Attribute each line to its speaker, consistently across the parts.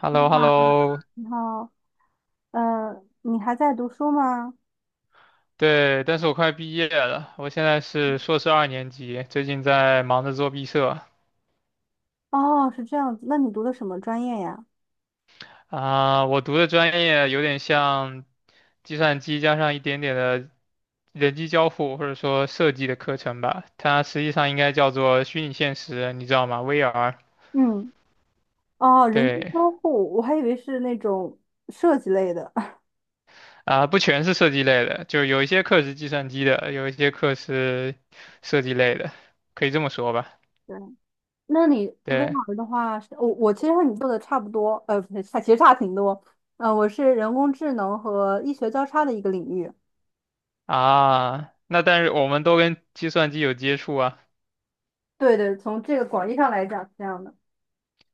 Speaker 1: h e l l
Speaker 2: 你
Speaker 1: o h e
Speaker 2: 好，
Speaker 1: l l o
Speaker 2: 你好，你还在读书吗？
Speaker 1: 对，但是我快毕业了，我现在是硕士二年级，最近在忙着做毕设
Speaker 2: 哦，是这样子，那你读的什么专业呀？
Speaker 1: 啊，我读的专业有点像计算机加上一点点的人机交互或者说设计的课程吧，它实际上应该叫做虚拟现实，你知道吗？VR。
Speaker 2: 嗯。哦，人机
Speaker 1: 对，
Speaker 2: 交互，我还以为是那种设计类的。
Speaker 1: 啊，不全是设计类的，就有一些课是计算机的，有一些课是设计类的，可以这么说吧。
Speaker 2: 对，那你
Speaker 1: 对。
Speaker 2: VR 的话是我其实和你做的差不多，呃，不是，差其实差挺多。我是人工智能和医学交叉的一个领域。
Speaker 1: 啊，那但是我们都跟计算机有接触啊，
Speaker 2: 对对，从这个广义上来讲是这样的。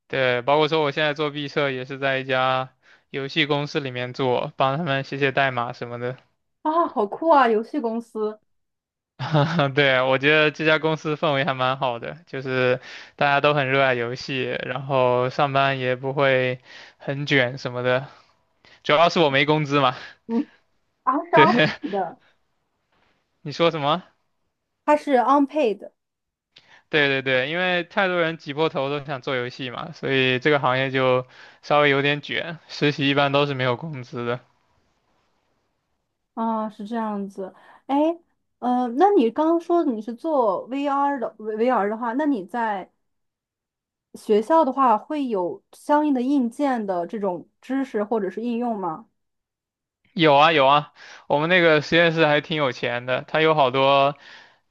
Speaker 1: 对，包括说我现在做毕设也是在一家游戏公司里面做，帮他们写写代码什么的。
Speaker 2: 啊，好酷啊！游戏公司，
Speaker 1: 对，我觉得这家公司氛围还蛮好的，就是大家都很热爱游戏，然后上班也不会很卷什么的，主要是我没工资嘛。
Speaker 2: 嗯。啊是
Speaker 1: 对，
Speaker 2: unpaid 的，
Speaker 1: 你说什么？
Speaker 2: 它是 unpaid。
Speaker 1: 对对对，因为太多人挤破头都想做游戏嘛，所以这个行业就稍微有点卷，实习一般都是没有工资的。
Speaker 2: 啊，是这样子。哎，那你刚刚说你是做 VR 的话，那你在学校的话会有相应的硬件的这种知识或者是应用吗？
Speaker 1: 有啊有啊，我们那个实验室还挺有钱的，它有好多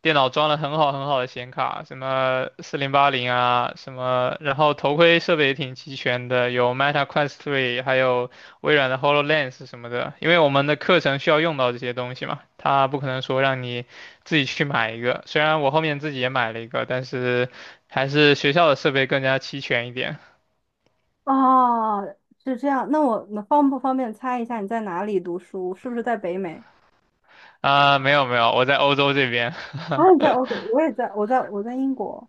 Speaker 1: 电脑装了很好很好的显卡，什么4080啊，什么，然后头盔设备也挺齐全的，有 Meta Quest 3，还有微软的 HoloLens 什么的。因为我们的课程需要用到这些东西嘛，它不可能说让你自己去买一个。虽然我后面自己也买了一个，但是还是学校的设备更加齐全一点。
Speaker 2: 啊，是这样。那我能方不方便猜一下你在哪里读书？是不是在北美？
Speaker 1: 啊、没有没有，我在欧洲这边。
Speaker 2: 啊，你在 欧洲，我也在，我在英国。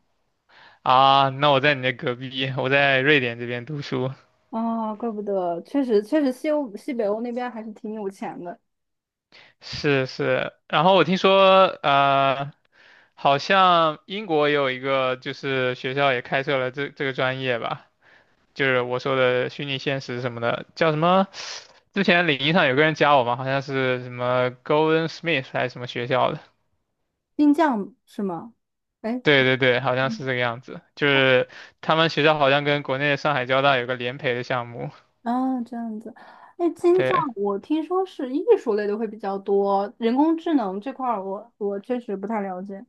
Speaker 1: 啊，那我在你那隔壁，我在瑞典这边读书。
Speaker 2: 啊，怪不得，确实西欧西北欧那边还是挺有钱的。
Speaker 1: 是是，然后我听说，好像英国也有一个，就是学校也开设了这个专业吧，就是我说的虚拟现实什么的，叫什么？之前领英上有个人加我嘛，好像是什么 Golden Smith 还是什么学校的。
Speaker 2: 新疆是吗？哎。
Speaker 1: 对对对，好像是这个样子，就是他们学校好像跟国内的上海交大有个联培的项目。
Speaker 2: 啊，这样子。哎，金匠，
Speaker 1: 对，
Speaker 2: 我听说是艺术类的会比较多，人工智能这块儿我确实不太了解。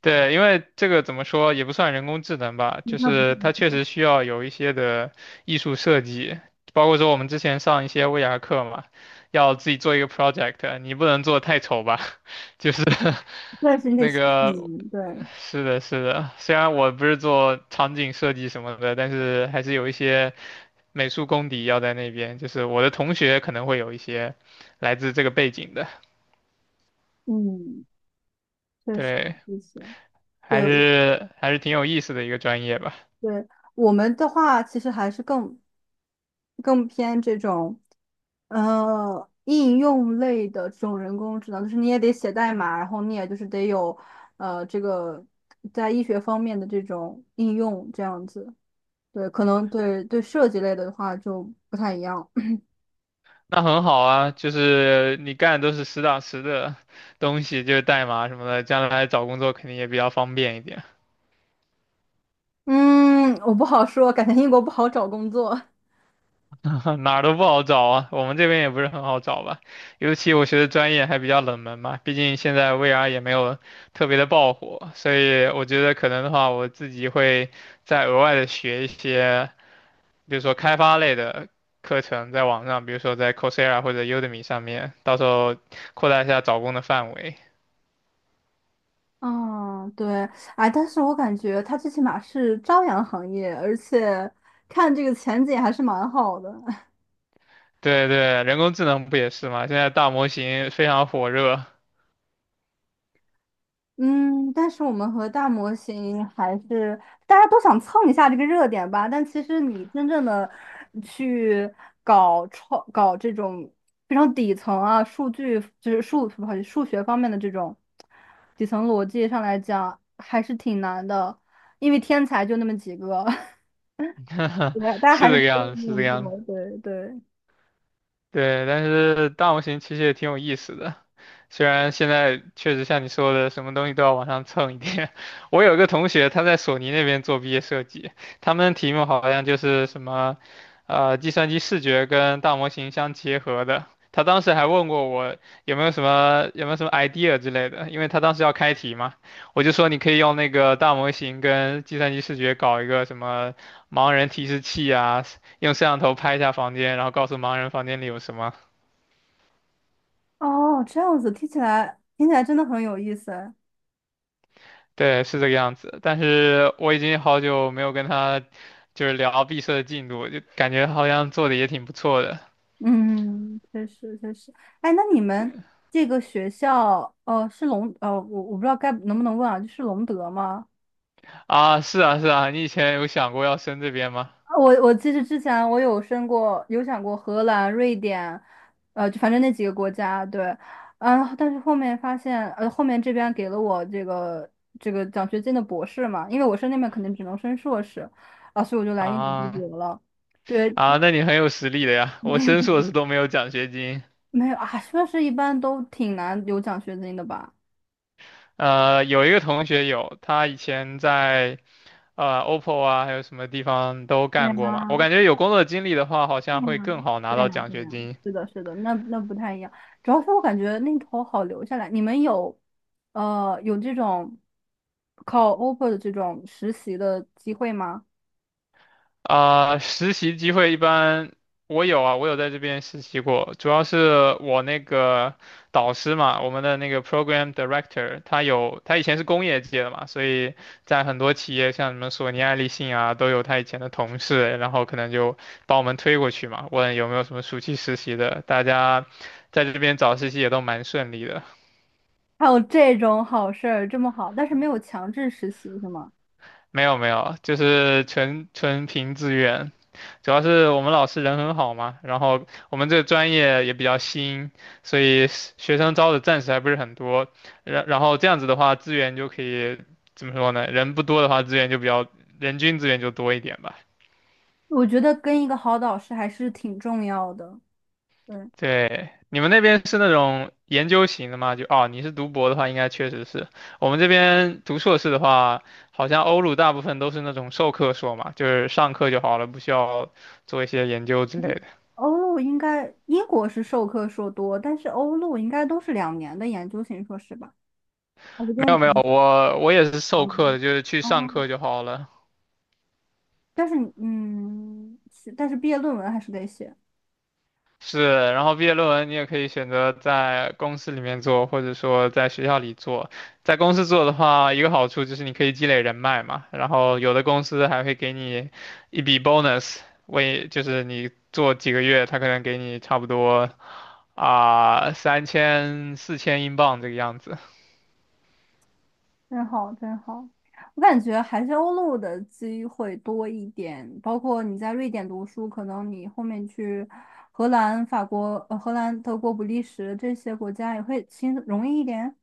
Speaker 1: 对，因为这个怎么说也不算人工智能吧，
Speaker 2: 不
Speaker 1: 就
Speaker 2: 太不太，
Speaker 1: 是它确实需要有一些的艺术设计，包括说我们之前上一些 VR 课嘛，要自己做一个 project，你不能做得太丑吧，就是
Speaker 2: 但是你得
Speaker 1: 那
Speaker 2: 细
Speaker 1: 个
Speaker 2: 嗯，对。
Speaker 1: 是的，是的，虽然我不是做场景设计什么的，但是还是有一些美术功底要在那边，就是我的同学可能会有一些来自这个背景的，
Speaker 2: 嗯，确实
Speaker 1: 对，
Speaker 2: 一些。对
Speaker 1: 还是还是挺有意思的一个专业吧。
Speaker 2: 对，我们的话其实还是更偏这种，应用类的这种人工智能，就是你也得写代码，然后你也就是得有，这个在医学方面的这种应用，这样子。对，可能设计类的话就不太一样。
Speaker 1: 那很好啊，就是你干的都是实打实的东西，就是代码什么的，将来找工作肯定也比较方便一点。
Speaker 2: 嗯，我不好说，感觉英国不好找工作。
Speaker 1: 哪儿都不好找啊，我们这边也不是很好找吧，尤其我学的专业还比较冷门嘛，毕竟现在 VR 也没有特别的爆火，所以我觉得可能的话，我自己会再额外的学一些，比如说开发类的课程，在网上，比如说在 Coursera 或者 Udemy 上面，到时候扩大一下找工的范围。
Speaker 2: 嗯，对。哎，但是我感觉它最起码是朝阳行业，而且看这个前景还是蛮好的。
Speaker 1: 对对，人工智能不也是吗？现在大模型非常火热，
Speaker 2: 嗯，但是我们和大模型还是大家都想蹭一下这个热点吧。但其实你真正的去搞这种非常底层啊，数据就是数不好意思，数学方面的这种底层逻辑上来讲，还是挺难的，因为天才就那么几个。对，大家
Speaker 1: 是
Speaker 2: 还
Speaker 1: 这
Speaker 2: 是
Speaker 1: 个
Speaker 2: 都是
Speaker 1: 样子，
Speaker 2: 那
Speaker 1: 是这个
Speaker 2: 么
Speaker 1: 样子。
Speaker 2: 做。对对。
Speaker 1: 对，但是大模型其实也挺有意思的，虽然现在确实像你说的，什么东西都要往上蹭一点。我有一个同学，他在索尼那边做毕业设计，他们的题目好像就是什么，计算机视觉跟大模型相结合的。他当时还问过我有没有什么 idea 之类的，因为他当时要开题嘛，我就说你可以用那个大模型跟计算机视觉搞一个什么盲人提示器啊，用摄像头拍一下房间，然后告诉盲人房间里有什么。
Speaker 2: 哦，这样子，听起来真的很有意思。
Speaker 1: 对，是这个样子。但是我已经好久没有跟他就是聊毕设的进度，就感觉好像做的也挺不错的
Speaker 2: 嗯，确实确实。哎，那你们这个学校，是隆，我不知道该能不能问啊，就是隆德吗？
Speaker 1: 啊。是啊，是啊，你以前有想过要升这边吗？
Speaker 2: 啊我其实之前我有申过，有想过荷兰、瑞典，就反正那几个国家，对。嗯。但是后面发现，后面这边给了我这个奖学金的博士嘛，因为我申那边肯定只能申硕士，啊，所以我就来英国读
Speaker 1: 啊
Speaker 2: 博了。对。
Speaker 1: 啊，那你很有实力的呀。我
Speaker 2: 没有
Speaker 1: 升硕士都没有奖学金。
Speaker 2: 没有啊，硕士一般都挺难有奖学金的吧？
Speaker 1: 有一个同学有，他以前在OPPO 啊，还有什么地方都
Speaker 2: 对
Speaker 1: 干过嘛。我
Speaker 2: 啊
Speaker 1: 感觉有工作经历的话，好像会更好拿
Speaker 2: 对呀，对呀，
Speaker 1: 到奖
Speaker 2: 对
Speaker 1: 学
Speaker 2: 呀，
Speaker 1: 金。
Speaker 2: 是的，是的，那不太一样。主要是我感觉那头好留下来。你们有，有这种考 offer 的这种实习的机会吗？
Speaker 1: 啊、实习机会一般我有在这边实习过，主要是我那个导师嘛，我们的那个 program director，他以前是工业界的嘛，所以在很多企业像什么索尼、爱立信啊，都有他以前的同事，然后可能就把我们推过去嘛，问有没有什么暑期实习的，大家在这边找实习也都蛮顺利的。
Speaker 2: 还有这种好事儿，这么好，但是没有强制实习是吗？
Speaker 1: 没有没有，就是纯纯凭自愿，主要是我们老师人很好嘛，然后我们这个专业也比较新，所以是学生招的暂时还不是很多。然后这样子的话，资源就可以怎么说呢？人不多的话，资源就比较人均资源就多一点吧。
Speaker 2: 我觉得跟一个好导师还是挺重要的。对。
Speaker 1: 对，你们那边是那种研究型的吗？就哦，你是读博的话，应该确实是。我们这边读硕士的话，好像欧陆大部分都是那种授课硕嘛，就是上课就好了，不需要做一些研究之类
Speaker 2: 嗯，
Speaker 1: 的。
Speaker 2: 欧陆应该英国是授课硕多，但是欧陆应该都是两年的研究型硕士吧？我就
Speaker 1: 没
Speaker 2: 跟
Speaker 1: 有没有，
Speaker 2: 你
Speaker 1: 我也是授课的，就是去上
Speaker 2: 哦。
Speaker 1: 课就好了。
Speaker 2: 但是嗯，是但是毕业论文还是得写。
Speaker 1: 是，然后毕业论文你也可以选择在公司里面做，或者说在学校里做。在公司做的话，一个好处就是你可以积累人脉嘛，然后有的公司还会给你一笔 bonus，就是你做几个月，他可能给你差不多30004000英镑这个样子。
Speaker 2: 真好真好。我感觉还是欧陆的机会多一点，包括你在瑞典读书，可能你后面去荷兰、法国、荷兰、德国、比利时这些国家也会轻容易一点。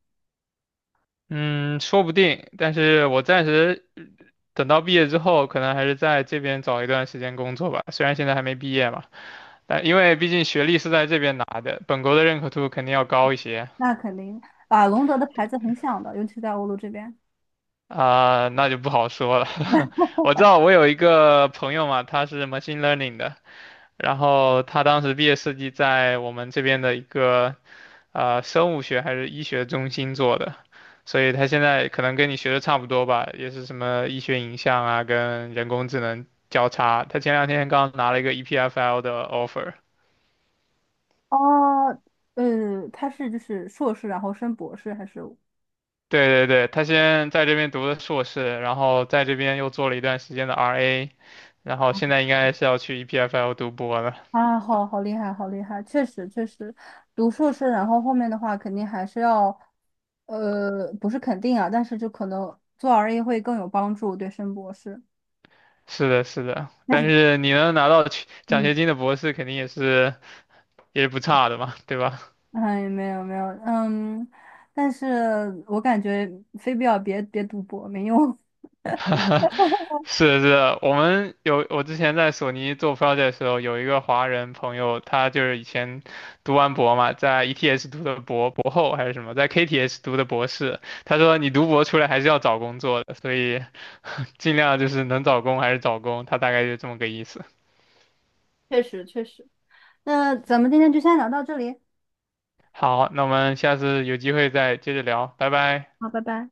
Speaker 1: 嗯，说不定，但是我暂时等到毕业之后，可能还是在这边找一段时间工作吧。虽然现在还没毕业嘛，但因为毕竟学历是在这边拿的，本国的认可度肯定要高一些
Speaker 2: 那肯定。啊，隆德的牌子很响的，尤其在欧陆这边。
Speaker 1: 啊，那就不好说了。我知道我有一个朋友嘛，他是 machine learning 的，然后他当时毕业设计在我们这边的一个生物学还是医学中心做的，所以他现在可能跟你学的差不多吧，也是什么医学影像啊，跟人工智能交叉。他前两天刚拿了一个 EPFL 的 offer。
Speaker 2: 哦，他是就是硕士，然后升博士，还是？
Speaker 1: 对对对，他先在这边读的硕士，然后在这边又做了一段时间的 RA，然后现在应该是要去 EPFL 读博了。
Speaker 2: 啊，好厉害，好厉害，确实确实，读硕士，然后后面的话肯定还是要，不是肯定啊，但是就可能做 RA 会更有帮助，对升博士。
Speaker 1: 是的，是的，
Speaker 2: 但
Speaker 1: 但
Speaker 2: 是，
Speaker 1: 是你能拿到去奖学
Speaker 2: 嗯。
Speaker 1: 金的博士，肯定也是不差的嘛，对吧？
Speaker 2: 哎，没有，嗯。但是我感觉非必要别读博，没用。
Speaker 1: 是是，我们有我之前在索尼做 project 的时候，有一个华人朋友，他就是以前读完博嘛，在 ETS 读的博后还是什么，在 KTS 读的博士。他说你读博出来还是要找工作的，所以 尽量就是能找工还是找工，他大概就这么个意思。
Speaker 2: 确实确实，那咱们今天就先聊到这里，
Speaker 1: 好，那我们下次有机会再接着聊，拜拜。
Speaker 2: 好，拜拜。